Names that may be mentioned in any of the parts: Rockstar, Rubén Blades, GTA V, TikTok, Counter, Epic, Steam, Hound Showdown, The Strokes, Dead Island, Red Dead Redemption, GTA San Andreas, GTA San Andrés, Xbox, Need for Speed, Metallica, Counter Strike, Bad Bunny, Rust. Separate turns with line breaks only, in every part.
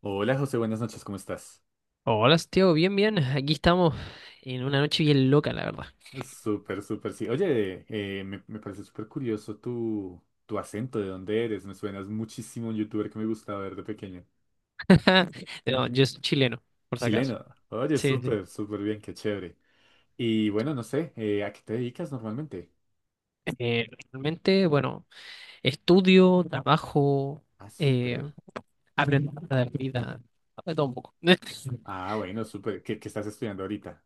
Hola José, buenas noches, ¿cómo estás?
Hola, Santiago, bien, bien. Aquí estamos en una noche bien loca, la verdad.
Súper, súper, sí. Oye, me parece súper curioso tu acento, de dónde eres. Me suenas muchísimo a un youtuber que me gustaba ver de pequeño.
No, yo soy chileno, por si acaso.
Chileno. Oye,
Sí, sí.
súper, súper bien, qué chévere. Y bueno, no sé, ¿a qué te dedicas normalmente?
Realmente, bueno, estudio, trabajo,
Ah,
eh,
súper.
aprendo de la vida, de todo un poco.
Ah, bueno, súper. ¿Qué estás estudiando ahorita?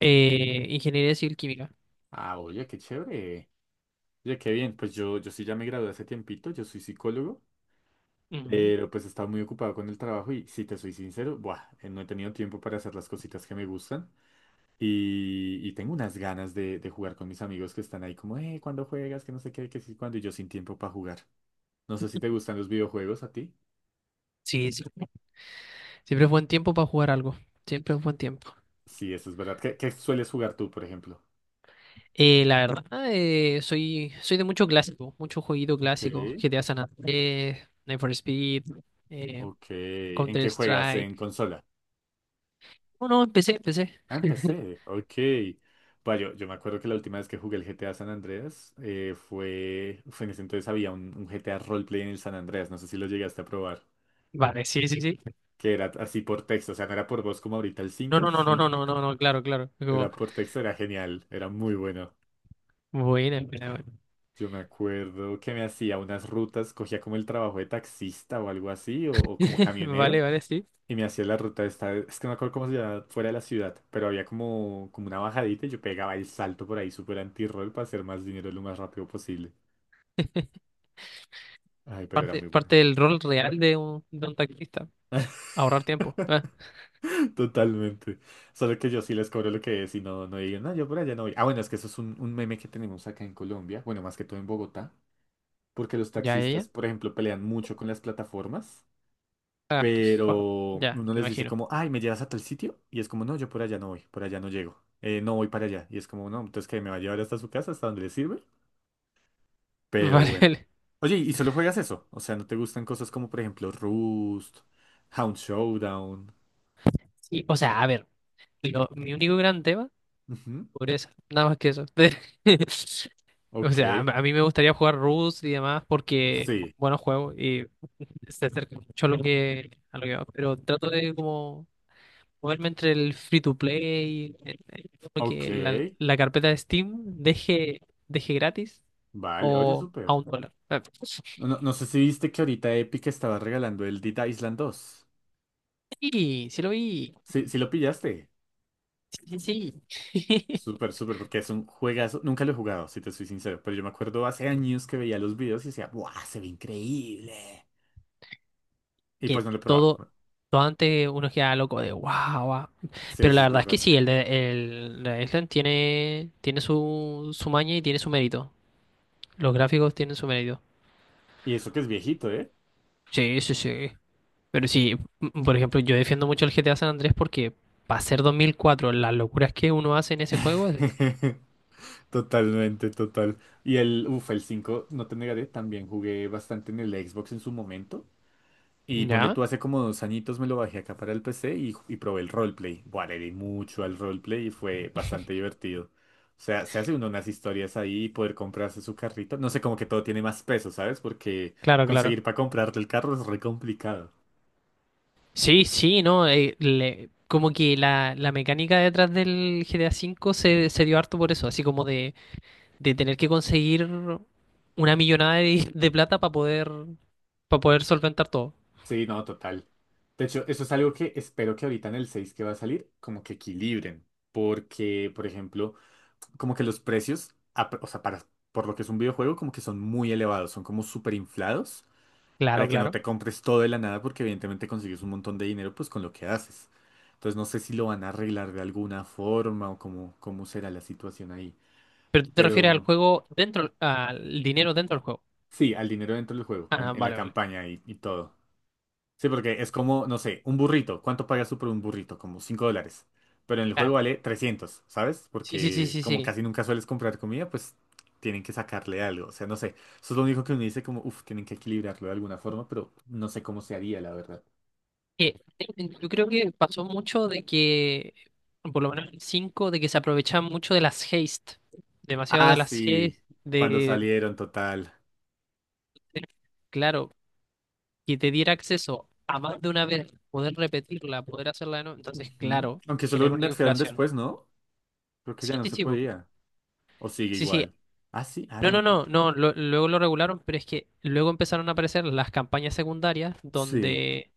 Ingeniería civil química.
Ah, oye, qué chévere. Oye, qué bien. Pues yo sí ya me gradué hace tiempito, yo soy psicólogo.
Ujú.
Pero pues estaba muy ocupado con el trabajo y si te soy sincero, buah, no he tenido tiempo para hacer las cositas que me gustan y tengo unas ganas de jugar con mis amigos que están ahí como, ¿cuándo juegas? Que no sé qué, que sí, cuándo y yo sin tiempo para jugar. No sé si te gustan los videojuegos a ti.
Sí, sí. Siempre es buen tiempo para jugar algo. Siempre es buen tiempo.
Sí, eso es verdad. ¿Qué sueles jugar tú, por ejemplo?
La verdad, soy de mucho clásico, mucho jueguito
Ok,
clásico. GTA San Andrés, Need for Speed, eh,
ok. ¿En
Counter
qué juegas?
Strike.
¿En consola?
No, no, empecé, empecé.
Ah, empecé. Ok. Bueno, yo me acuerdo que la última vez que jugué el GTA San Andreas fue en ese entonces había un GTA roleplay en el San Andreas. No sé si lo llegaste a probar.
Vale, sí, sí, sí.
Que era así por texto. O sea, no era por voz como ahorita el
No,
5.
no, no, no,
Sí,
no, no, no, no, claro, claro. Es como,
Era por texto, era genial. Era muy bueno.
buena, buena, buena.
Yo me acuerdo que me hacía unas rutas, cogía como el trabajo de taxista o algo así, o como camionero.
Vale, vale, sí.
Y me hacía la ruta esta, es que no me acuerdo cómo se llama, fuera de la ciudad, pero había como una bajadita y yo pegaba el salto por ahí súper anti-roll para hacer más dinero lo más rápido posible. Ay, pero era
Parte,
muy bueno.
parte del rol real de un taxista. Ahorrar tiempo. Ah,
Totalmente. Solo que yo sí les cobro lo que es y no, no digan, no, yo por allá no voy. Ah, bueno, es que eso es un meme que tenemos acá en Colombia, bueno, más que todo en Bogotá, porque los
ya, ya,
taxistas,
ya.
por ejemplo, pelean mucho con las plataformas
Ah, pf, bueno,
pero
ya,
uno
me
les dice
imagino.
como, ay, ¿me llevas a tal sitio? Y es como, no, yo por allá no voy, por allá no llego, no voy para allá. Y es como, no, entonces que me va a llevar hasta su casa, hasta donde le sirve. Pero
Vale,
bueno.
vale.
Oye, ¿y solo juegas eso? O sea, ¿no te gustan cosas como, por ejemplo, Rust, Hound Showdown?
Sí, o sea, a ver, mi único gran tema,
Ujú.
pobreza, nada más que eso. O
Ok,
sea, a mí me gustaría jugar Rust y demás porque,
sí,
bueno, juego y se acerca mucho a lo que va, pero trato de como moverme entre el free to play, como
ok,
que la carpeta de Steam deje gratis
vale, oye,
o a
súper.
un dólar. Ah,
No, no sé si viste que ahorita Epic estaba regalando el Dead Island dos.
sí, sí lo vi.
Sí, sí lo pillaste.
Sí, sí, sí.
Súper, súper, porque es un juegazo. Nunca lo he jugado, si te soy sincero, pero yo me acuerdo hace años que veía los videos y decía, ¡buah, se ve increíble! Y
Que
pues no lo he probado.
todo,
Bueno,
todo antes uno queda loco de wow, wow".
sí,
Pero
eso
la
es
verdad es que
verdad.
sí, de Island tiene su maña y tiene su mérito. Los gráficos tienen su mérito.
Y eso que es viejito, ¿eh?
Sí, sí, sí. Pero sí, por ejemplo, yo defiendo mucho el GTA San Andrés porque para ser 2004, las locuras que uno hace en ese juego,
Totalmente, total. Y el, uff, el 5 no te negaré, también jugué bastante en el Xbox en su momento. Y ponle
ya,
tú, hace como 2 añitos me lo bajé acá para el PC y probé el roleplay. Buah, le di mucho al roleplay y fue bastante divertido. O sea, se hace uno unas historias ahí y poder comprarse su carrito. No sé, como que todo tiene más peso, ¿sabes? Porque
claro, claro.
conseguir para comprarte el carro es re complicado.
Sí, sí, no, como que la mecánica detrás del GTA V se dio harto por eso, así como de tener que conseguir una millonada de plata para poder solventar todo.
Sí, no, total. De hecho, eso es algo que espero que ahorita en el 6 que va a salir, como que equilibren. Porque, por ejemplo, como que los precios, o sea, para, por lo que es un videojuego, como que son muy elevados, son como súper inflados.
Claro,
Para que no
claro.
te compres todo de la nada, porque evidentemente consigues un montón de dinero pues con lo que haces. Entonces no sé si lo van a arreglar de alguna forma o cómo será la situación ahí.
Pero tú te refieres al
Pero
juego dentro, al dinero dentro del juego.
sí, al dinero dentro del juego,
Ah,
en la
vale, vale.
campaña y todo. Sí, porque es como, no sé, un burrito. ¿Cuánto pagas tú por un burrito? Como $5. Pero en el
Ah,
juego vale 300, ¿sabes?
sí, sí, sí,
Porque
sí,
como
sí.
casi nunca sueles comprar comida, pues tienen que sacarle algo. O sea, no sé. Eso es lo único que uno dice como, uff, tienen que equilibrarlo de alguna forma, pero no sé cómo se haría, la verdad.
Eh, yo creo que pasó mucho de que, por lo menos en el de que se aprovechan mucho de las haste, demasiado
Ah,
de las haste,
sí, cuando
de,
salieron, total.
de- claro, que te diera acceso a más de una vez, poder repetirla, poder hacerla de nuevo, entonces,
Ujú.
claro,
Aunque solo
generó una
nerfearon
inflación.
después, ¿no? Creo que
Sí,
ya no
sí,
se
sí, po.
podía. O sigue
Sí, sí.
igual. Ah, sí, ah,
No,
no
no,
lo puedo.
no, no, luego lo regularon, pero es que luego empezaron a aparecer las campañas secundarias
Sí.
donde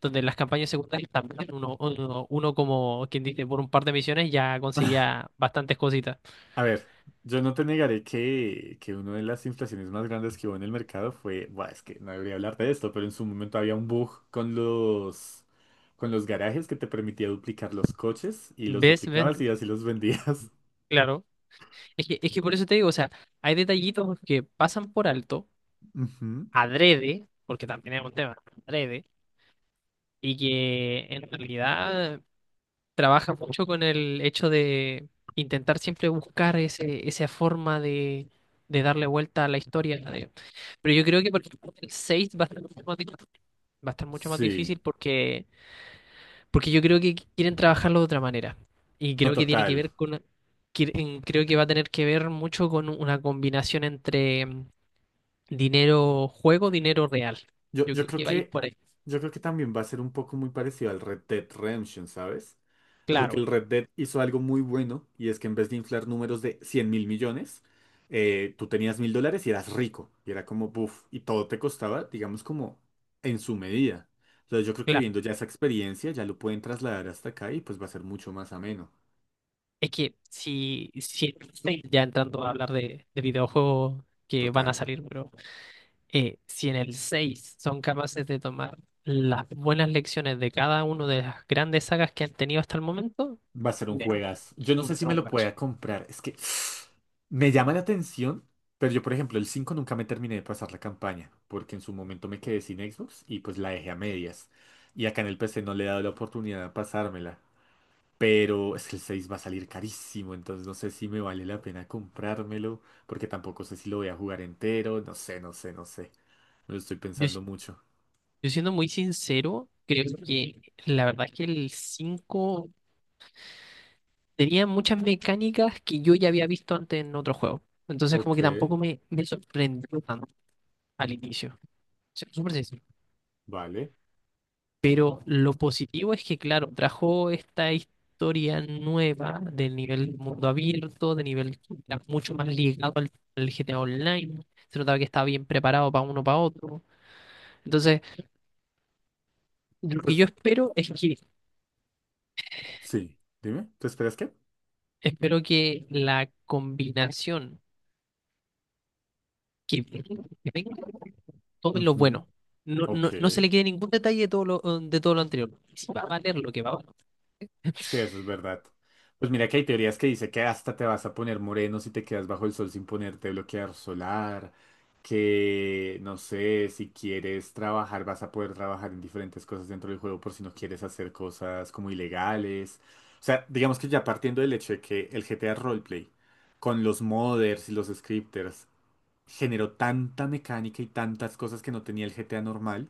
donde las campañas secundarias también uno como quien dice, por un par de misiones ya conseguía bastantes cositas.
A ver, yo no te negaré que, una de las inflaciones más grandes que hubo en el mercado fue. Buah, es que no debería hablar de esto, pero en su momento había un bug con los garajes que te permitía duplicar los coches y los
¿Ves? ¿Ves?
duplicabas y así los vendías.
Claro. Es que por eso te digo, o sea, hay detallitos que pasan por alto,
Ujú.
adrede, porque también es un tema, adrede, y que en realidad trabaja mucho con el hecho de intentar siempre buscar ese, esa forma de darle vuelta a la historia. Pero yo creo que, por ejemplo, el 6 va a estar mucho más difícil, va a estar mucho más
Sí.
difícil porque yo creo que quieren trabajarlo de otra manera. Y
No,
creo que tiene que
total.
ver con, que- creo que va a tener que ver mucho con una combinación entre dinero juego, dinero real.
Yo,
Yo
yo
creo
creo
que va a ir
que,
por ahí.
yo creo que también va a ser un poco muy parecido al Red Dead Redemption, ¿sabes? Porque
Claro,
el Red Dead hizo algo muy bueno y es que en vez de inflar números de 100.000.000.000, tú tenías $1.000 y eras rico. Y era como, buf, y todo te costaba, digamos, como en su medida. Entonces yo creo que
claro.
viendo ya esa experiencia, ya lo pueden trasladar hasta acá y pues va a ser mucho más ameno.
Es que si en ya entrando a hablar de videojuegos que van a
Total.
salir, pero si en el 6 son capaces de tomar las buenas lecciones de cada una de las grandes sagas que han tenido hasta el momento,
Va a ser un
bien,
juegazo. Yo no
va
sé
a
si
ser
me
un
lo
juegazo.
pueda comprar. Es que me llama la atención, pero yo, por ejemplo, el 5 nunca me terminé de pasar la campaña, porque en su momento me quedé sin Xbox y pues la dejé a medias. Y acá en el PC no le he dado la oportunidad de pasármela. Pero es que el 6 va a salir carísimo, entonces no sé si me vale la pena comprármelo, porque tampoco sé si lo voy a jugar entero. No sé, no sé, no sé. Me lo estoy
Yo
pensando mucho.
Yo siendo muy sincero, creo que la verdad es que el 5 tenía muchas mecánicas que yo ya había visto antes en otro juego. Entonces como
Ok,
que tampoco me sorprendió tanto al inicio. Sí, súper sencillo.
vale.
Pero lo positivo es que, claro, trajo esta historia nueva del nivel mundo abierto, de nivel que era mucho más ligado al, GTA Online. Se notaba que estaba bien preparado para uno para otro. Entonces, lo que yo
Pues
espero es que
sí, dime, ¿te esperas qué?
espero que la combinación que venga, tomen lo
Ujú.
bueno. No,
Ok.
no, no se le quede ningún detalle de todo lo anterior. Si va a valer lo que va a valer.
Sí, eso es verdad. Pues mira que hay teorías que dice que hasta te vas a poner moreno si te quedas bajo el sol sin ponerte bloqueador solar, que no sé, si quieres trabajar vas a poder trabajar en diferentes cosas dentro del juego por si no quieres hacer cosas como ilegales. O sea, digamos que ya partiendo del hecho de que el GTA Roleplay, con los modders y los scripters, generó tanta mecánica y tantas cosas que no tenía el GTA normal.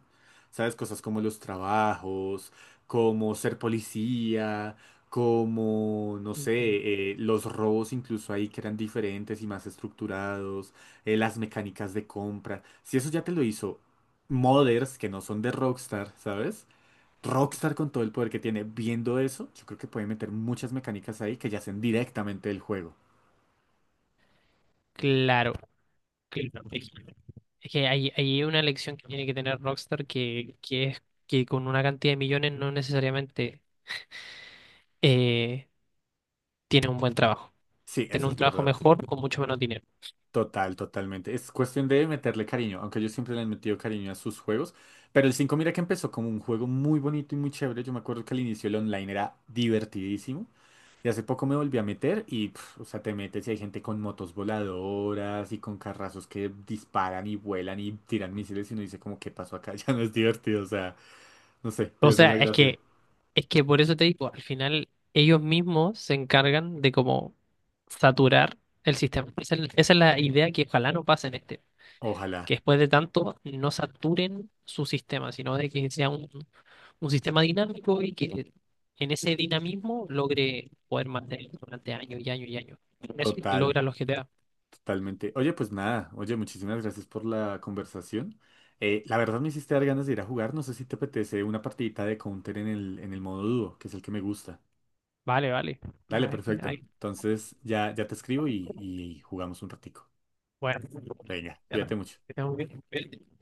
¿Sabes? Cosas como los trabajos, como ser policía, como, no
Ujú.
sé, los robos incluso ahí que eran diferentes y más estructurados, las mecánicas de compra. Si eso ya te lo hizo modders que no son de Rockstar, ¿sabes? Rockstar con todo el poder que tiene viendo eso, yo creo que puede meter muchas mecánicas ahí que yacen directamente del juego.
Claro, claro. Es que hay una lección que tiene que tener Rockstar que es que con una cantidad de millones no necesariamente eh, tiene un buen trabajo.
Sí,
Tiene
eso
un
es
trabajo
verdad.
mejor con mucho menos dinero.
Total, totalmente. Es cuestión de meterle cariño, aunque yo siempre le he metido cariño a sus juegos. Pero el 5, mira que empezó como un juego muy bonito y muy chévere. Yo me acuerdo que al inicio el online era divertidísimo. Y hace poco me volví a meter y, pf, o sea, te metes y hay gente con motos voladoras y con carrazos que disparan y vuelan y tiran misiles y uno dice como, ¿qué pasó acá? Ya no es divertido, o sea, no sé,
O
pierde
sea,
la
es
gracia.
que, es que por eso te digo, al final ellos mismos se encargan de como saturar el sistema. Esa es la idea que ojalá no pase en este.
Ojalá,
Que después de tanto no saturen su sistema, sino de que sea un sistema dinámico y que en ese dinamismo logre poder mantener durante años y años y años. Eso es lo que
total.
logra los GTA.
Totalmente. Oye, pues nada, oye, muchísimas gracias por la conversación. La verdad me hiciste dar ganas de ir a jugar. No sé si te apetece una partidita de Counter en el, modo dúo, que es el que me gusta.
Vale, vale.
Dale,
Ah, es que
perfecto. Entonces ya te escribo y jugamos un ratico.
bueno,
Venga,
ya está.
cuídate
Que
mucho.
estemos bien.